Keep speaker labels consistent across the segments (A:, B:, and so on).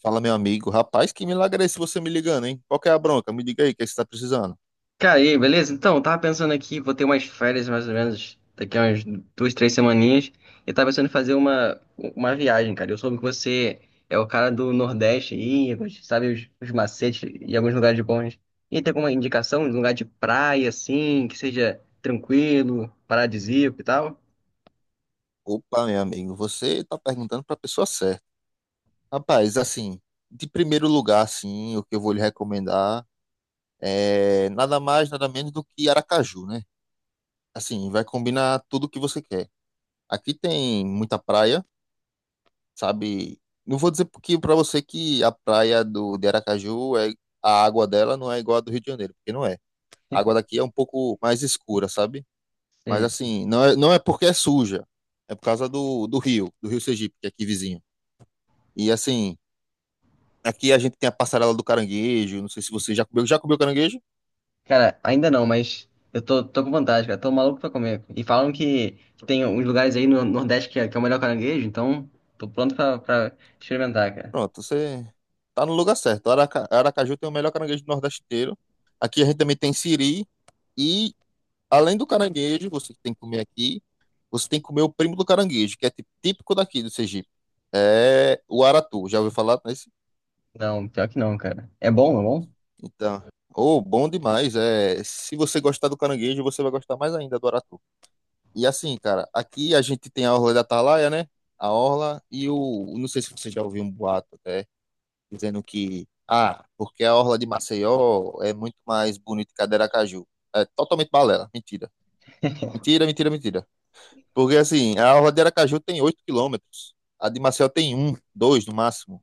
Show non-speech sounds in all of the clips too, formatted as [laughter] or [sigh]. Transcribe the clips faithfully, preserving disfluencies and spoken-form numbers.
A: Fala, meu amigo. Rapaz, que milagre é esse você me ligando, hein? Qual que é a bronca? Me diga aí, o que é que você tá precisando?
B: Cara, e aí, beleza? Então, eu tava pensando aqui, vou ter umas férias mais ou menos daqui a umas duas, três semaninhas, e tava pensando em fazer uma, uma viagem, cara. Eu soube que você é o cara do Nordeste aí, sabe os, os macetes e alguns lugares bons. E tem alguma indicação de um lugar de praia, assim, que seja tranquilo, paradisíaco e tal?
A: Opa, meu amigo, você tá perguntando pra pessoa certa. Rapaz, assim, de primeiro lugar, assim, o que eu vou lhe recomendar é nada mais, nada menos do que Aracaju, né? Assim, vai combinar tudo o que você quer. Aqui tem muita praia, sabe? Não vou dizer porque pra você que a praia do, de Aracaju, é, a água dela não é igual a do Rio de Janeiro, porque não é. A água daqui é um pouco mais escura, sabe? Mas
B: Sim.
A: assim, não é, não é porque é suja, é por causa do, do rio, do rio Sergipe, que é aqui vizinho. E assim, aqui a gente tem a passarela do caranguejo, não sei se você já comeu, já comeu caranguejo?
B: Cara, ainda não, mas eu tô, tô com vontade, cara. Tô maluco pra comer. E falam que, que tem uns lugares aí no Nordeste que é, que é o melhor caranguejo, então tô pronto pra, pra experimentar, cara.
A: Pronto, você tá no lugar certo. Araca, Aracaju tem o melhor caranguejo do Nordeste inteiro. Aqui a gente também tem siri e além do caranguejo, você tem que comer aqui, você tem que comer o primo do caranguejo, que é tipo- típico daqui do Sergipe. É o aratu, já ouviu falar nesse?
B: Não, pior que não, cara. É bom, é bom?
A: Então, oh, bom demais. É, se você gostar do caranguejo, você vai gostar mais ainda do aratu. E assim, cara, aqui a gente tem a Orla da Atalaia, né? A Orla e o. Não sei se você já ouviu um boato até, dizendo que. Ah, porque a Orla de Maceió é muito mais bonita que a de Aracaju. É totalmente balela. Mentira. Mentira, mentira, mentira. Porque assim, a Orla de Aracaju tem oito quilômetros. A de Maceió tem um, dois no máximo.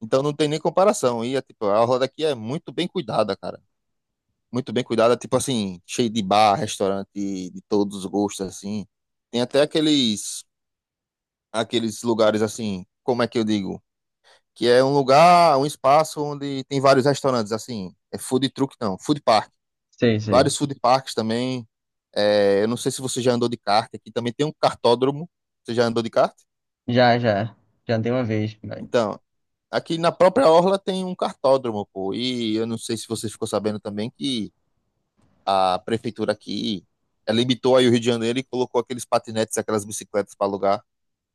A: Então não tem nem comparação. E é, tipo, a Orla daqui é muito bem cuidada, cara. Muito bem cuidada, tipo assim, cheio de bar, restaurante de todos os gostos, assim. Tem até aqueles aqueles lugares assim, como é que eu digo? Que é um lugar, um espaço onde tem vários restaurantes, assim, é food truck não, food park.
B: Sei, sei.
A: Vários food parks também. É, eu não sei se você já andou de kart, aqui também tem um kartódromo. Você já andou de kart?
B: Já, já. Já dei uma vez, mas-
A: Então, aqui na própria orla tem um kartódromo, pô. E eu não sei se você ficou sabendo também que a prefeitura aqui eh, limitou aí o Rio de Janeiro e colocou aqueles patinetes, aquelas bicicletas para alugar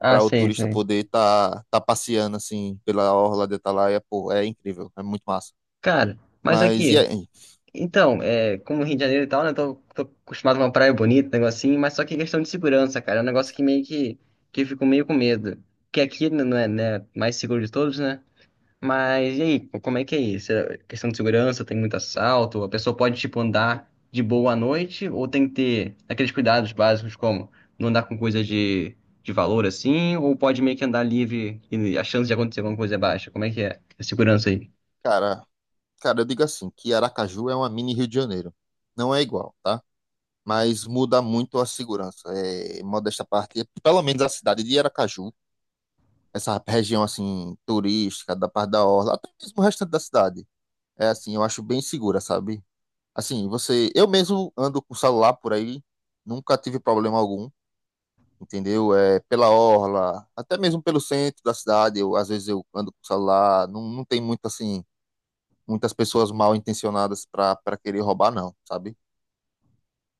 B: Ah,
A: para o
B: sei,
A: turista
B: sei.
A: poder estar tá, tá passeando assim pela orla de Atalaia, pô, é incrível, é muito massa.
B: Cara, mas
A: Mas e
B: aqui,
A: aí,
B: então, é, como Rio de Janeiro e tal, né? Tô, tô acostumado com uma praia bonita, negocinho, mas só que é questão de segurança, cara. É um negócio que meio que, que eu fico meio com medo. Que aqui não é, né, mais seguro de todos, né? Mas e aí, como é que é isso? É questão de segurança, tem muito assalto? A pessoa pode, tipo, andar de boa à noite? Ou tem que ter aqueles cuidados básicos como não andar com coisa de, de valor assim? Ou pode meio que andar livre e a chance de acontecer alguma coisa é baixa? Como é que é a segurança aí?
A: cara, cara, eu digo assim, que Aracaju é uma mini Rio de Janeiro. Não é igual, tá? Mas muda muito a segurança. É, modesta parte, pelo menos a cidade de Aracaju, essa região assim turística da parte da orla, até mesmo o restante da cidade. É assim, eu acho bem segura, sabe? Assim, você, eu mesmo ando com o celular por aí, nunca tive problema algum. Entendeu? É, pela orla, até mesmo pelo centro da cidade, eu, às vezes eu ando com o celular, não, não tem muito assim, muitas pessoas mal intencionadas para para querer roubar, não, sabe?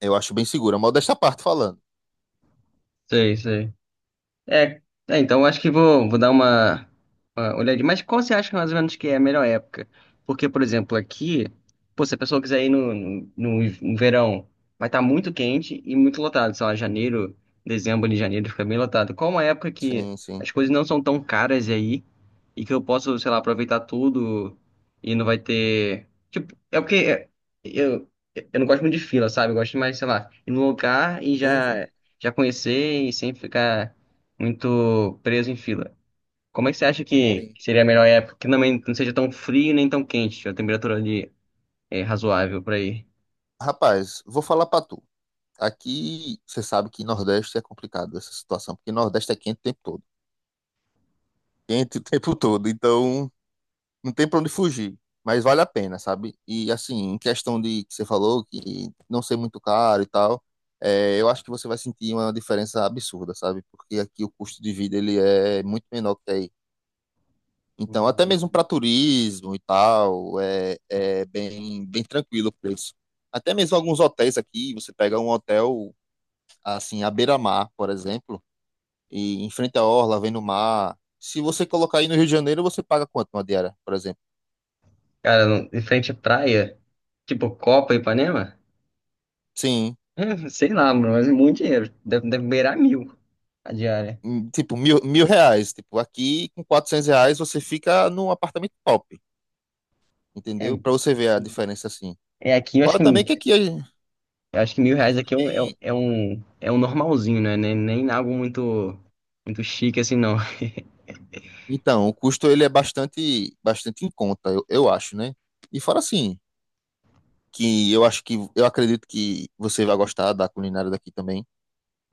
A: Eu acho bem segura, mas desta parte falando.
B: Sei, sei. É, é, então eu acho que vou, vou dar uma, uma olhadinha. Mas qual você acha mais ou menos que é a melhor época? Porque, por exemplo, aqui, pô, se a pessoa quiser ir no, no, no no verão, vai estar muito quente e muito lotado. Sei lá, janeiro, dezembro e janeiro fica bem lotado. Qual é uma época que
A: Sim, sim.
B: as coisas não são tão caras aí e que eu posso, sei lá, aproveitar tudo e não vai ter. Tipo, é porque é, eu, eu não gosto muito de fila, sabe? Eu gosto mais, sei lá, ir num lugar e
A: Sim, sim,
B: já, já conhecer e sem ficar muito preso em fila. Como é que você acha que
A: sim.
B: seria a melhor época que também não seja tão frio nem tão quente, a temperatura ali é razoável pra ir?
A: Rapaz, vou falar pra tu. Aqui, você sabe que Nordeste é complicado essa situação, porque Nordeste é quente o tempo todo. Quente o tempo todo, então não tem pra onde fugir, mas vale a pena, sabe? E assim, em questão de que você falou, que não ser muito caro e tal, é, eu acho que você vai sentir uma diferença absurda, sabe? Porque aqui o custo de vida ele é muito menor que aí. Então, até mesmo para turismo e tal, é, é bem, bem tranquilo o preço. Até mesmo alguns hotéis aqui, você pega um hotel assim à beira-mar, por exemplo, e em frente à orla, vem no mar. Se você colocar aí no Rio de Janeiro, você paga quanto uma diária, por exemplo?
B: Cara, não- em frente à praia, tipo Copa e Ipanema? [laughs]
A: Sim,
B: É, sei lá, mano, mas é muito dinheiro. Deve, deve beirar mil a diária.
A: hum, tipo, mil, mil reais. Tipo, aqui com quatrocentos reais você fica num apartamento top,
B: É,
A: entendeu? Para você ver a diferença assim.
B: é aqui, eu acho
A: Fora também que
B: que.
A: aqui, a-
B: Eu acho que mil reais
A: aqui
B: aqui é um, é um,
A: também.
B: é um é um normalzinho, né? Nem, nem algo muito, muito chique assim, não.
A: Então, o custo ele é bastante, bastante em conta, eu, eu acho, né? E fora assim, que eu acho que eu acredito que você vai gostar da culinária daqui também.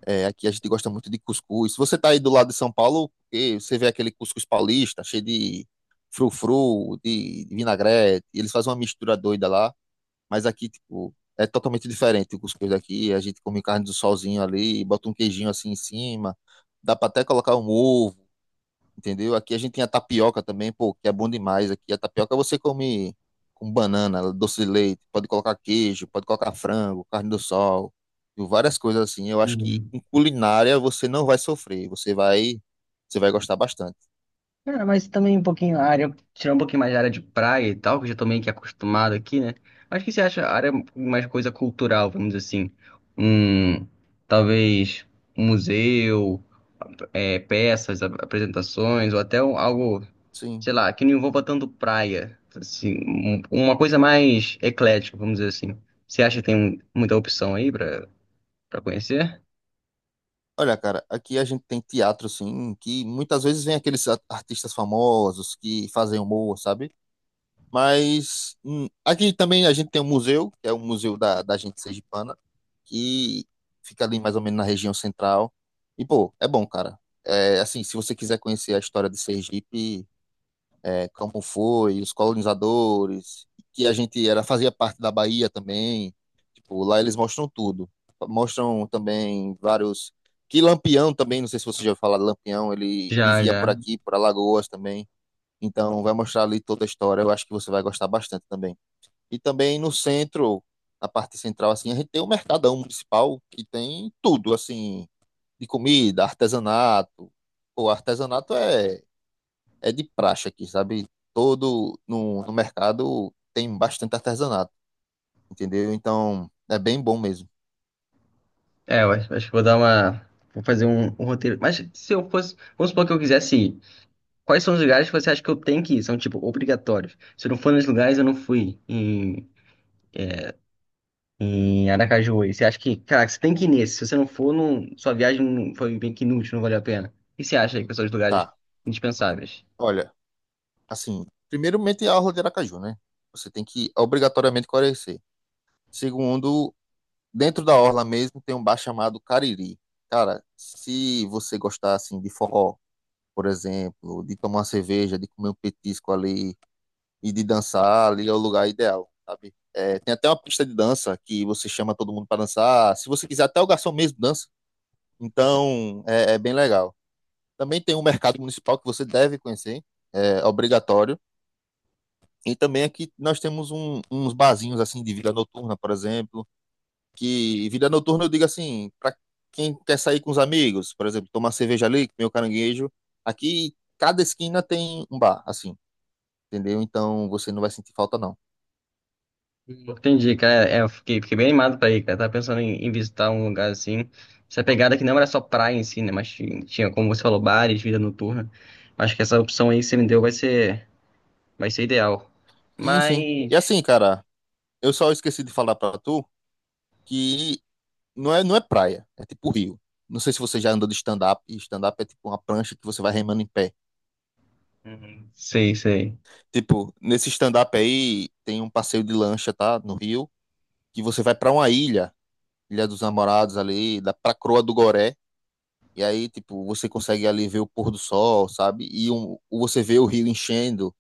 A: É, aqui a gente gosta muito de cuscuz. Se você tá aí do lado de São Paulo, eh, você vê aquele cuscuz paulista, cheio de frufru, de, de vinagrete, eles fazem uma mistura doida lá. Mas aqui, tipo, é totalmente diferente o cuscuz daqui. A gente come carne do solzinho ali, bota um queijinho assim em cima. Dá pra até colocar um ovo, entendeu? Aqui a gente tem a tapioca também, pô, que é bom demais. Aqui a tapioca você come com banana, doce de leite, pode colocar queijo, pode colocar frango, carne do sol, e várias coisas assim. Eu acho que
B: Uhum.
A: com culinária você não vai sofrer, você vai, você vai gostar bastante.
B: Cara, mas também um pouquinho a área, tirar um pouquinho mais da área de praia e tal, que eu já tô meio que acostumado aqui, né? Mas o que você acha a área mais coisa cultural, vamos dizer assim? Um, talvez um museu, é, peças, ap- apresentações, ou até um- algo,
A: Sim.
B: sei lá, que não envolva tanto praia. Assim, um- uma coisa mais eclética, vamos dizer assim. Você acha que tem muita opção aí pra pra conhecer?
A: Olha, cara, aqui a gente tem teatro, sim, que muitas vezes vem aqueles a- artistas famosos que fazem humor, sabe? Mas hum, aqui também a gente tem um museu, que é o Museu da, da Gente Sergipana, que fica ali mais ou menos na região central. E, pô, é bom, cara. É, assim, se você quiser conhecer a história de Sergipe, é, como foi, os colonizadores, que a gente era, fazia parte da Bahia também. Tipo, lá eles mostram tudo. Mostram também vários. Que Lampião também, não sei se você já ouviu falar de Lampião, ele
B: Já,
A: vivia por
B: já.
A: aqui, por Alagoas também. Então vai mostrar ali toda a história. Eu acho que você vai gostar bastante também. E também no centro, na parte central, assim, a gente tem o Mercadão Municipal, que tem tudo, assim, de comida, artesanato. O artesanato é É de praxe aqui, sabe? Todo no, no mercado tem bastante artesanato, entendeu? Então é bem bom mesmo.
B: É, eu acho, acho que vou dar uma. Vou fazer um, um roteiro. Mas se eu fosse. Vamos supor que eu quisesse ir. Quais são os lugares que você acha que eu tenho que ir? São, tipo, obrigatórios. Se eu não for nos lugares, eu não fui em, em Aracaju. E você acha que, caraca, você tem que ir nesse. Se você não for, não, sua viagem não- foi bem que inútil, não valeu a pena. O que você acha aí que são os lugares
A: Tá,
B: indispensáveis?
A: olha, assim, primeiramente a orla de Aracaju, né? Você tem que obrigatoriamente conhecer. Segundo, dentro da orla mesmo tem um bar chamado Cariri. Cara, se você gostar assim de forró, por exemplo, de tomar uma cerveja, de comer um petisco ali, e de dançar ali é o lugar ideal, sabe? É, tem até uma pista de dança que você chama todo mundo para dançar. Se você quiser, até o garçom mesmo dança. Então, é, é bem legal. Também tem um mercado municipal que você deve conhecer, é obrigatório. E também aqui nós temos um- uns barzinhos assim de vida noturna, por exemplo, que vida noturna eu digo assim, para quem quer sair com os amigos, por exemplo, tomar cerveja ali, comer o caranguejo, aqui cada esquina tem um bar, assim, entendeu? Então você não vai sentir falta não.
B: Entendi, cara. É, eu fiquei, fiquei bem animado pra ir, cara. Tava pensando em, em visitar um lugar assim. Essa pegada que não era só praia em si, né? Mas ti- tinha, como você falou, bares, vida noturna. Acho que essa opção aí que você me deu vai ser, vai ser ideal.
A: Sim, sim. E
B: Mas.
A: assim, cara, eu só esqueci de falar pra tu que não é, não é praia, é tipo rio. Não sei se você já andou de stand-up, e stand-up é tipo uma prancha que você vai remando em pé.
B: Hum, sei, sei.
A: Tipo, nesse stand-up aí tem um passeio de lancha, tá? No rio, que você vai pra uma ilha, Ilha dos Namorados ali, da pra Croa do Goré. E aí, tipo, você consegue ali ver o pôr do sol, sabe? E um, você vê o rio enchendo.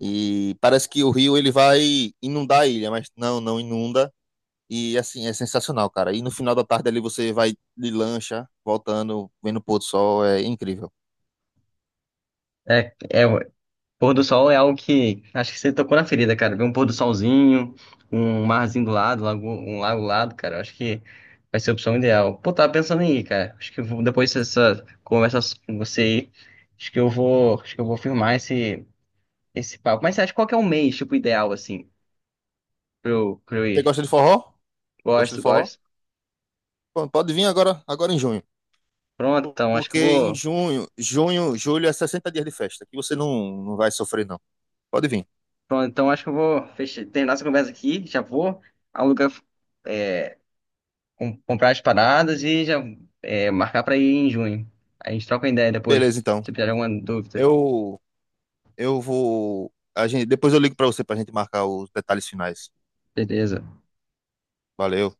A: E parece que o rio ele vai inundar a ilha, mas não, não inunda. E assim, é sensacional, cara. E no final da tarde ali você vai de lancha, voltando, vendo o pôr do sol, é incrível.
B: É, é, pôr do sol é algo que acho que você tocou na ferida, cara. Ver um pôr do solzinho, um marzinho do lado, lago- um lago do lado, cara. Acho que vai ser a opção ideal. Pô, tava pensando em ir, cara. Acho que eu vou, depois dessa conversa so, com você aí, acho que eu vou, acho que eu vou firmar esse, esse papo. Mas você acha qual que é o mês, tipo, ideal, assim, pra eu, pra eu
A: Você
B: ir?
A: gosta de forró? Gosta de
B: Gosto,
A: forró?
B: gosto.
A: Pô, pode vir agora, agora em junho.
B: Pronto,
A: Por-
B: então acho que
A: Porque
B: eu
A: em
B: vou.
A: junho, junho, julho é sessenta dias de festa, que você não, não vai sofrer, não. Pode vir.
B: Pronto, então acho que eu vou fechar, terminar essa conversa aqui. Já vou alugar. Com- comprar as paradas e já é, marcar pra ir em junho. A gente troca uma ideia depois, se
A: Beleza, então.
B: tiver alguma dúvida.
A: Eu eu vou a gente, Depois eu ligo pra você pra gente marcar os detalhes finais.
B: Beleza.
A: Valeu.